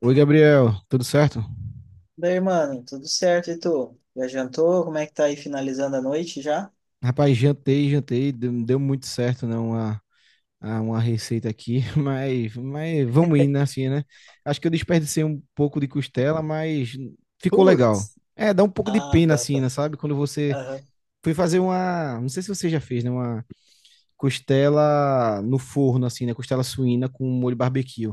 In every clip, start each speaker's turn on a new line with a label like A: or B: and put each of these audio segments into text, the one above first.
A: Oi, Gabriel, tudo certo?
B: Daí, mano, tudo certo, e tu? Já jantou? Como é que tá aí finalizando a noite já?
A: Rapaz, jantei, jantei, deu, deu muito certo, né? Uma receita aqui, mas vamos indo, né, assim, né? Acho que eu desperdicei um pouco de costela, mas ficou legal.
B: Putz!
A: É, dá um pouco de
B: Ah,
A: pena,
B: tá,
A: assim,
B: tá.
A: né, sabe? Quando você
B: Aham.
A: foi fazer uma. Não sei se você já fez, né? Costela no forno, assim, né? Costela suína com molho barbecue.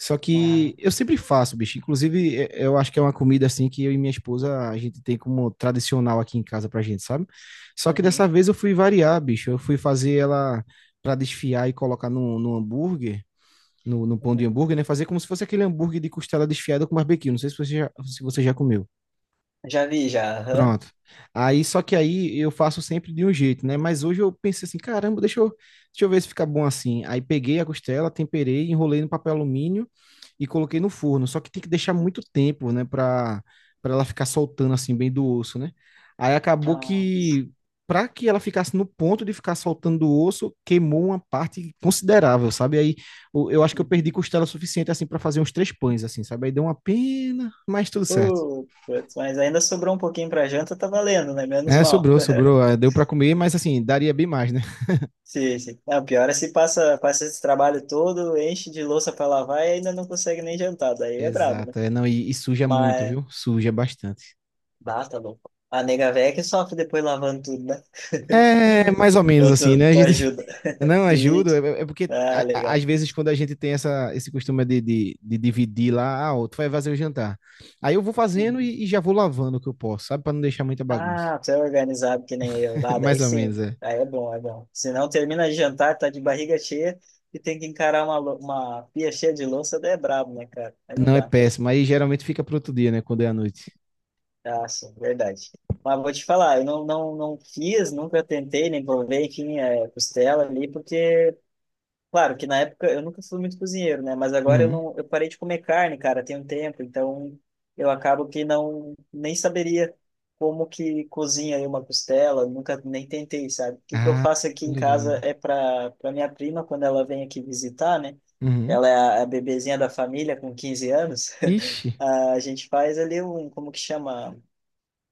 A: Só
B: Ah,
A: que eu sempre faço, bicho. Inclusive, eu acho que é uma comida assim que eu e minha esposa a gente tem como tradicional aqui em casa pra gente, sabe? Só que
B: uhum,
A: dessa vez eu fui variar, bicho. Eu fui fazer ela pra desfiar e colocar no hambúrguer, no pão de
B: uhum.
A: hambúrguer, né? Fazer como se fosse aquele hambúrguer de costela desfiada com barbecue. Não sei se você já comeu.
B: Já vi, já, aham.
A: Pronto. Aí, só que aí eu faço sempre de um jeito, né? Mas hoje eu pensei assim, caramba, deixa eu ver se fica bom assim. Aí peguei a costela, temperei, enrolei no papel alumínio e coloquei no forno. Só que tem que deixar muito tempo, né? Pra ela ficar soltando assim, bem do osso, né? Aí acabou
B: Ah,
A: que, pra que ela ficasse no ponto de ficar soltando do osso, queimou uma parte considerável, sabe? Aí eu acho que eu perdi
B: uhum.
A: costela suficiente assim para fazer uns três pães, assim, sabe? Aí deu uma pena, mas tudo certo.
B: Putz, mas ainda sobrou um pouquinho pra janta, tá valendo, né? Menos
A: É,
B: mal.
A: sobrou, sobrou. É, deu pra comer, mas assim, daria bem mais, né?
B: Sim, sim. Não, pior é se passa esse trabalho todo, enche de louça pra lavar e ainda não consegue nem jantar, daí é brabo, né?
A: Exato. É, não, e suja muito,
B: Mas,
A: viu? Suja bastante.
B: bah, tá louco. A nega véia que sofre depois lavando tudo, né?
A: É, mais ou menos
B: Ou tu,
A: assim, né? A
B: tu
A: gente
B: ajuda?
A: não
B: De
A: ajuda,
B: vídeo.
A: é, é porque
B: Ah,
A: às
B: legal.
A: vezes quando a gente tem essa, esse costume de dividir lá, ah, ó, tu vai fazer o jantar. Aí eu vou fazendo
B: Uhum.
A: e já vou lavando o que eu posso, sabe? Pra não deixar muita bagunça.
B: Ah, você é organizado que nem eu. Ah,
A: Mais
B: daí
A: ou menos,
B: sim.
A: é.
B: Aí é bom, é bom. Se não termina de jantar, tá de barriga cheia e tem que encarar uma pia cheia de louça, daí é brabo, né, cara? Aí não
A: Não é
B: dá.
A: péssimo. Aí geralmente fica pro outro dia, né? Quando é à noite.
B: Ah, sim, verdade. Mas vou te falar, eu não fiz, nunca tentei, nem provei, enfim, é, costela ali, porque claro que na época eu nunca fui muito cozinheiro, né? Mas agora eu
A: Uhum.
B: não, eu parei de comer carne, cara, tem um tempo, então eu acabo que não nem saberia como que cozinha aí uma costela, nunca nem tentei, sabe? O que que eu
A: Ah,
B: faço aqui
A: tô
B: em casa
A: ligado.
B: é para minha prima quando ela vem aqui visitar, né?
A: Uhum.
B: Ela é a bebezinha da família com 15 anos.
A: Ixi.
B: A gente faz ali um, como que chama?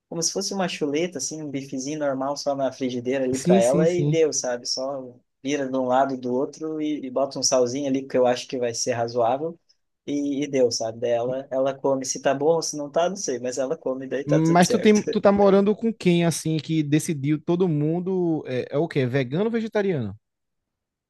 B: Como se fosse uma chuleta, assim, um bifezinho normal só na frigideira ali para
A: Sim, sim,
B: ela e
A: sim.
B: deu, sabe? Só vira de um lado e do outro e, bota um salzinho ali que eu acho que vai ser razoável e deu, sabe? Daí ela come se tá bom ou se não tá, não sei, mas ela come, daí tá tudo
A: Mas tu
B: certo.
A: tem, tu tá morando com quem, assim, que decidiu todo mundo é, é o quê? É vegano ou vegetariano?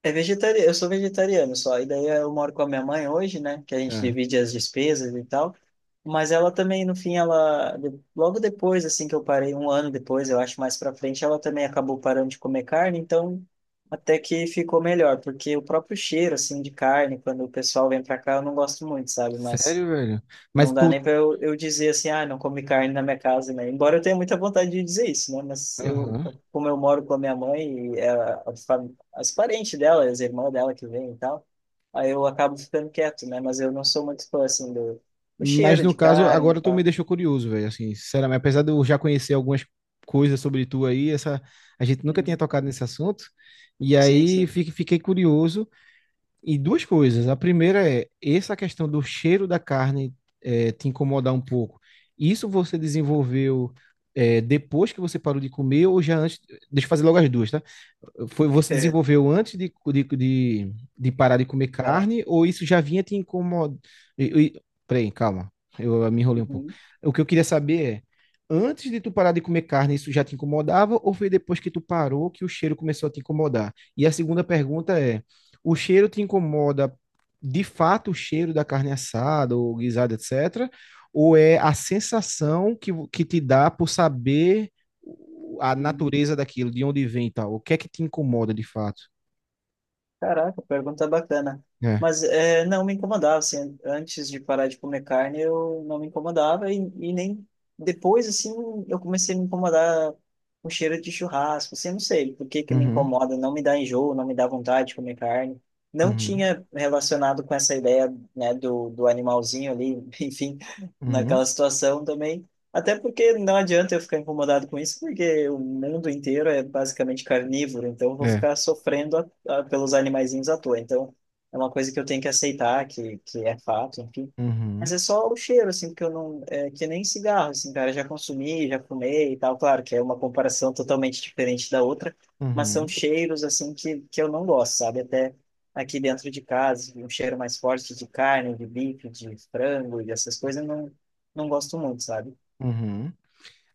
B: É vegetariano, eu sou vegetariano só, e daí eu moro com a minha mãe hoje, né, que a gente
A: É.
B: divide as despesas e tal, mas ela também, no fim, logo depois, assim, que eu parei, um ano depois, eu acho, mais pra frente, ela também acabou parando de comer carne, então até que ficou melhor, porque o próprio cheiro, assim, de carne, quando o pessoal vem pra cá, eu não gosto muito, sabe, mas
A: Sério, velho? Mas
B: não dá
A: tu.
B: nem para eu dizer assim, ah, não come carne na minha casa, né? Embora eu tenha muita vontade de dizer isso, né? Mas eu,
A: Aham.
B: como eu moro com a minha mãe e as parentes dela, as irmãs dela que vêm e tal, aí eu acabo ficando quieto, né? Mas eu não sou muito fã, assim, do,
A: Mas
B: cheiro
A: no
B: de
A: caso,
B: carne e
A: agora tu me
B: tal.
A: deixou curioso, velho. Assim, sinceramente, apesar de eu já conhecer algumas coisas sobre tu aí, essa, a gente nunca tinha
B: Uhum.
A: tocado nesse assunto. E
B: Sim,
A: aí
B: sim.
A: fiquei curioso. E duas coisas. A primeira é essa questão do cheiro da carne te incomodar um pouco. Isso você desenvolveu depois que você parou de comer ou já antes? Deixa eu fazer logo as duas, tá? Foi, você desenvolveu antes de parar de comer
B: Parar.
A: carne, ou isso já vinha te incomodando? Peraí, calma, eu me enrolei um pouco.
B: Uhum.
A: O que eu queria saber é, antes de tu parar de comer carne, isso já te incomodava, ou foi depois que tu parou que o cheiro começou a te incomodar? E a segunda pergunta é, o cheiro te incomoda de fato o cheiro da carne assada ou guisada, etc., ou é a sensação que, que te dá por saber a
B: Uhum.
A: natureza daquilo, de onde vem e tal. O que é que te incomoda de fato?
B: Caraca, pergunta bacana.
A: É.
B: Mas é, não me incomodava, assim, antes de parar de comer carne, eu não me incomodava e nem depois, assim, eu comecei a me incomodar com o cheiro de churrasco, assim, eu não sei por que que me
A: Uhum,
B: incomoda, não me dá enjoo, não me dá vontade de comer carne. Não
A: uhum,
B: tinha relacionado com essa ideia, né, do animalzinho ali, enfim,
A: uhum,
B: naquela situação também. Até porque não adianta eu ficar incomodado com isso, porque o mundo inteiro é basicamente carnívoro, então eu vou
A: é.
B: ficar sofrendo, ah, pelos animaizinhos à toa. Então, é uma coisa que eu tenho que aceitar, que é fato, enfim.
A: Uhum,
B: Mas é só o cheiro, assim, porque eu não. É, que nem cigarro, assim, cara. Já consumi, já fumei e tal. Claro que é uma comparação totalmente diferente da outra, mas são
A: uhum,
B: cheiros, assim, que eu não gosto, sabe? Até aqui dentro de casa, assim, um cheiro mais forte de carne, de bife, de frango e essas coisas, eu não gosto muito, sabe?
A: uhum.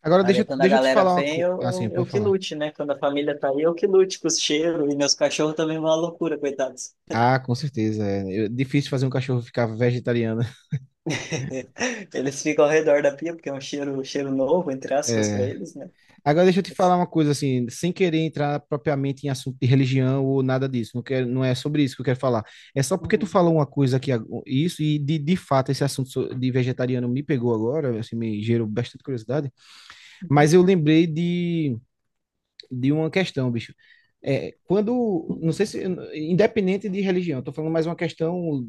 A: Agora
B: Aí é
A: deixa,
B: quando a
A: deixa eu te
B: galera
A: falar uma
B: vem,
A: coisa.
B: eu,
A: Ah, sim,
B: eu, eu
A: pode
B: que
A: falar.
B: lute, né? Quando a família tá aí, eu que lute com os cheiros. E meus cachorros também vão à loucura, coitados.
A: Ah, com certeza. É, difícil fazer um cachorro ficar vegetariano.
B: Eles ficam ao redor da pia, porque é um cheiro novo, entre aspas, para
A: É.
B: eles, né?
A: Agora deixa eu te
B: Mas-
A: falar uma coisa assim, sem querer entrar propriamente em assunto de religião ou nada disso. Não quero, não é sobre isso que eu quero falar. É só porque tu
B: Uhum,
A: falou uma coisa aqui, isso, e de fato esse assunto de vegetariano me pegou agora, assim, me gerou bastante curiosidade.
B: uhum,
A: Mas eu lembrei de uma questão, bicho. É, quando, não sei se, independente de religião, estou falando mais uma questão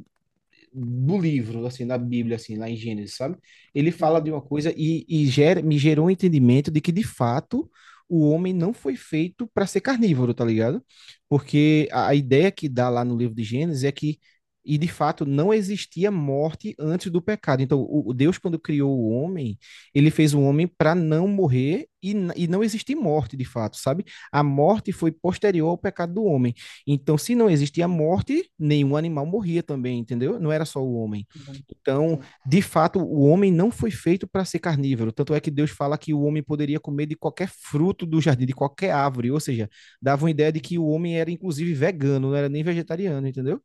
A: do livro, assim, da Bíblia, assim, lá em Gênesis, sabe? Ele fala de
B: uhum,
A: uma coisa e gera, me gerou um entendimento de que, de fato, o homem não foi feito para ser carnívoro, tá ligado? Porque a ideia que dá lá no livro de Gênesis é que, e de fato, não existia morte antes do pecado. Então, o Deus, quando criou o homem, ele fez o homem para não morrer e, e não existir morte, de fato, sabe? A morte foi posterior ao pecado do homem. Então, se não existia morte, nenhum animal morria também, entendeu? Não era só o homem.
B: uhum,
A: Então,
B: sim.
A: de fato, o homem não foi feito para ser carnívoro. Tanto é que Deus fala que o homem poderia comer de qualquer fruto do jardim, de qualquer árvore. Ou seja, dava uma ideia de que o homem era, inclusive, vegano, não era nem vegetariano, entendeu?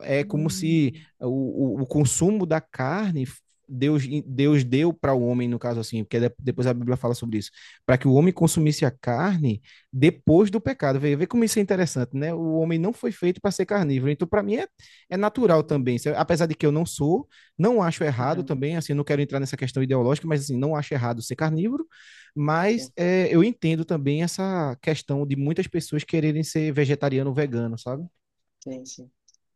A: É como se
B: Uhum,
A: o consumo da carne Deus deu para o homem, no caso assim, porque depois a Bíblia fala sobre isso, para que o homem consumisse a carne depois do pecado. Vê, vê como isso é interessante, né? O homem não foi feito para ser carnívoro. Então, para mim, é, é natural também.
B: uhum,
A: Apesar de que eu não sou, não acho errado
B: uhum,
A: também, assim, não quero entrar nessa questão ideológica, mas assim, não acho errado ser carnívoro, mas
B: sim,
A: é, eu entendo também essa questão de muitas pessoas quererem ser vegetariano ou vegano, sabe?
B: sim, sim.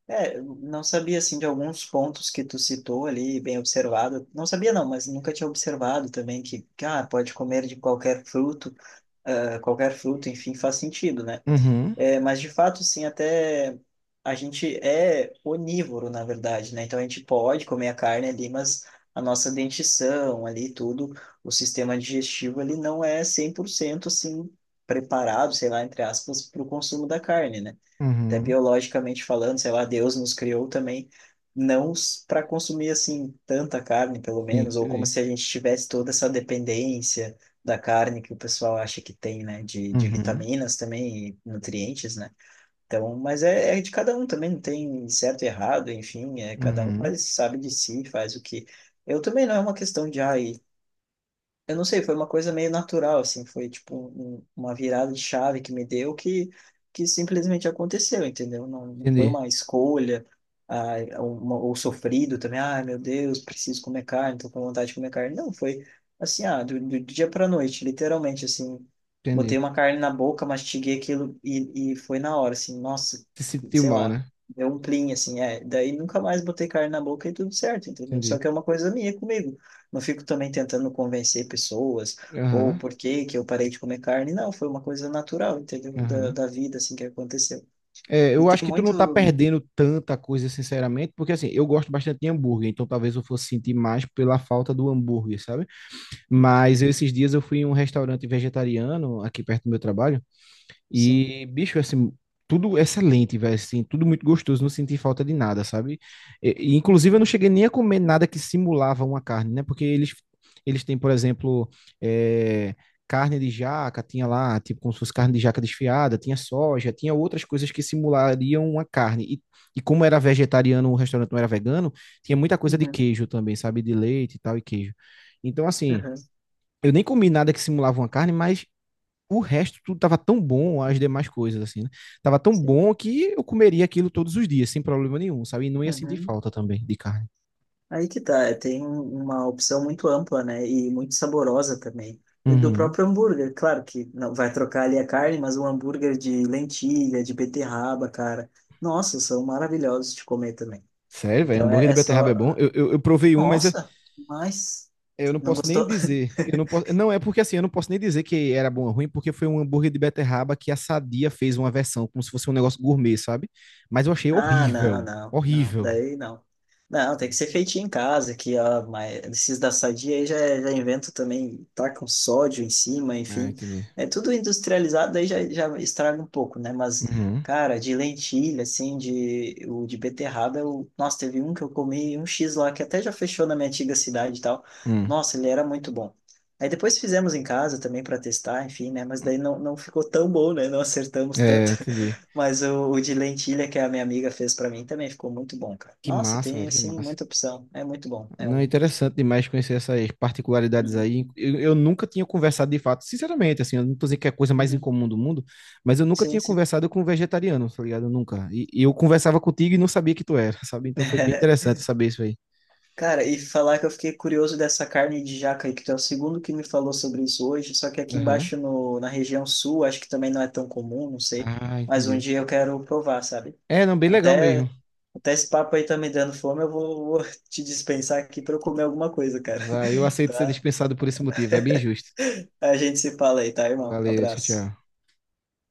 B: É, eu não sabia, assim, de alguns pontos que tu citou ali, bem observado. Não sabia, não, mas nunca tinha observado também que, ah, pode comer de qualquer fruto, ah, qualquer fruto, enfim, faz sentido, né?
A: Uhum,
B: É, mas de fato, sim, até a gente é onívoro, na verdade, né? Então a gente pode comer a carne ali, mas a nossa dentição ali, tudo, o sistema digestivo, ele não é 100% assim preparado, sei lá, entre aspas, para o consumo da carne, né? Até
A: uhum.
B: biologicamente falando, sei lá, Deus nos criou também não para consumir assim tanta carne, pelo
A: Sim,
B: menos, ou como
A: entendi.
B: se a gente tivesse toda essa dependência da carne que o pessoal acha que tem, né, de,
A: Uhum,
B: vitaminas também e nutrientes, né? Então, mas é de cada um também, não tem certo e errado, enfim, é cada um
A: uhum,
B: faz, sabe de si, faz o que. Eu também não é uma questão de, ai, eu não sei, foi uma coisa meio natural, assim, foi tipo uma virada de chave que me deu que, simplesmente aconteceu, entendeu? Não, não foi
A: entendi.
B: uma escolha, ah, uma, ou sofrido também, ai meu Deus, preciso comer carne, tô com vontade de comer carne. Não, foi assim, ah, do, dia pra noite, literalmente, assim, botei
A: Entendi.
B: uma carne na boca, mastiguei aquilo e foi na hora, assim, nossa,
A: Se sentiu
B: sei
A: mal,
B: lá,
A: né?
B: deu um plim, assim, é, daí nunca mais botei carne na boca e tudo certo, entendeu? Só
A: Entendi.
B: que é uma coisa minha comigo. Não fico também tentando convencer pessoas ou
A: Aham.
B: por que que eu parei de comer carne. Não, foi uma coisa natural, entendeu? Da,
A: Aham.
B: da vida, assim, que aconteceu.
A: É,
B: E
A: eu acho
B: tem
A: que tu não tá
B: muito...
A: perdendo tanta coisa, sinceramente, porque assim, eu gosto bastante de hambúrguer, então talvez eu fosse sentir mais pela falta do hambúrguer, sabe?
B: Uhum,
A: Mas esses dias eu fui em um restaurante vegetariano aqui perto do meu trabalho.
B: sim.
A: E, bicho, assim, tudo excelente, velho, assim, tudo muito gostoso, não senti falta de nada, sabe? E inclusive, eu
B: Uhum.
A: não cheguei nem a comer nada que simulava uma carne, né? Porque eles têm, por exemplo, eh, carne de jaca, tinha lá, tipo, como se fosse carne de jaca desfiada, tinha soja, tinha outras coisas que simulariam uma carne. E como era vegetariano, o restaurante não era vegano, tinha muita coisa de
B: Uhum.
A: queijo também, sabe? De leite e tal, e queijo. Então, assim,
B: Uhum.
A: eu nem comi nada que simulava uma carne, mas o resto tudo tava tão bom, as demais coisas, assim, né? Tava tão
B: Sim.
A: bom que eu comeria aquilo todos os dias, sem problema nenhum, sabe? E não ia sentir
B: Uhum.
A: falta também de carne.
B: Aí que tá, é, tem uma opção muito ampla, né? E muito saborosa também. E do
A: Uhum.
B: próprio hambúrguer, claro que não vai trocar ali a carne, mas um hambúrguer de lentilha, de beterraba, cara. Nossa, são maravilhosos de comer também.
A: Sério, velho,
B: Então
A: hambúrguer
B: é,
A: de
B: é
A: beterraba
B: só.
A: é bom. Eu provei um, mas eu,
B: Nossa, mas
A: eu não
B: não
A: posso nem
B: gostou?
A: dizer. Eu não posso. Não, é porque assim, eu não posso nem dizer que era bom ou ruim, porque foi um hambúrguer de beterraba que a Sadia fez uma versão, como se fosse um negócio gourmet, sabe? Mas eu achei
B: Ah, não,
A: horrível.
B: não, não,
A: Horrível.
B: daí não. Não, tem que ser feitinho em casa, que ó, mas esses da Sadia aí já inventam também, tacam sódio em cima,
A: Ah,
B: enfim.
A: entendi.
B: É tudo industrializado, daí já estraga um pouco, né? Mas,
A: Uhum.
B: cara, de lentilha, assim, o de beterraba, nossa, teve um que eu comi, um X lá, que até já fechou na minha antiga cidade e tal.
A: Hum.
B: Nossa, ele era muito bom. Aí depois fizemos em casa também para testar, enfim, né? Mas
A: Hum.
B: daí não ficou tão bom, né? Não acertamos
A: É,
B: tanto.
A: entendi.
B: Mas o, de lentilha que a minha amiga fez para mim também ficou muito bom, cara.
A: Que
B: Nossa,
A: massa,
B: tem
A: velho, que
B: assim
A: massa.
B: muita opção. É muito bom. É
A: Não,
B: um.
A: interessante demais conhecer essas particularidades
B: Uhum,
A: aí. Eu nunca tinha conversado de fato, sinceramente, assim, eu não tô dizendo que é a coisa mais
B: uhum.
A: incomum do mundo, mas eu nunca
B: Sim,
A: tinha
B: sim.
A: conversado com um vegetariano, tá ligado? Nunca. E eu conversava contigo e não sabia que tu era, sabe? Então foi bem interessante saber isso aí.
B: Cara, e falar que eu fiquei curioso dessa carne de jaca aí, que tu é o segundo que me falou sobre isso hoje, só que aqui
A: Aham.
B: embaixo no, na região sul, acho que também não é tão comum, não sei,
A: Ah,
B: mas um
A: entendi.
B: dia eu quero provar, sabe?
A: É, não, bem legal mesmo.
B: Até, até esse papo aí tá me dando fome, eu vou te dispensar aqui para eu comer alguma coisa, cara,
A: Vai, eu aceito ser
B: tá?
A: dispensado por esse motivo, é bem justo.
B: A gente se fala aí, tá, irmão?
A: Valeu, tchau,
B: Abraço.
A: tchau.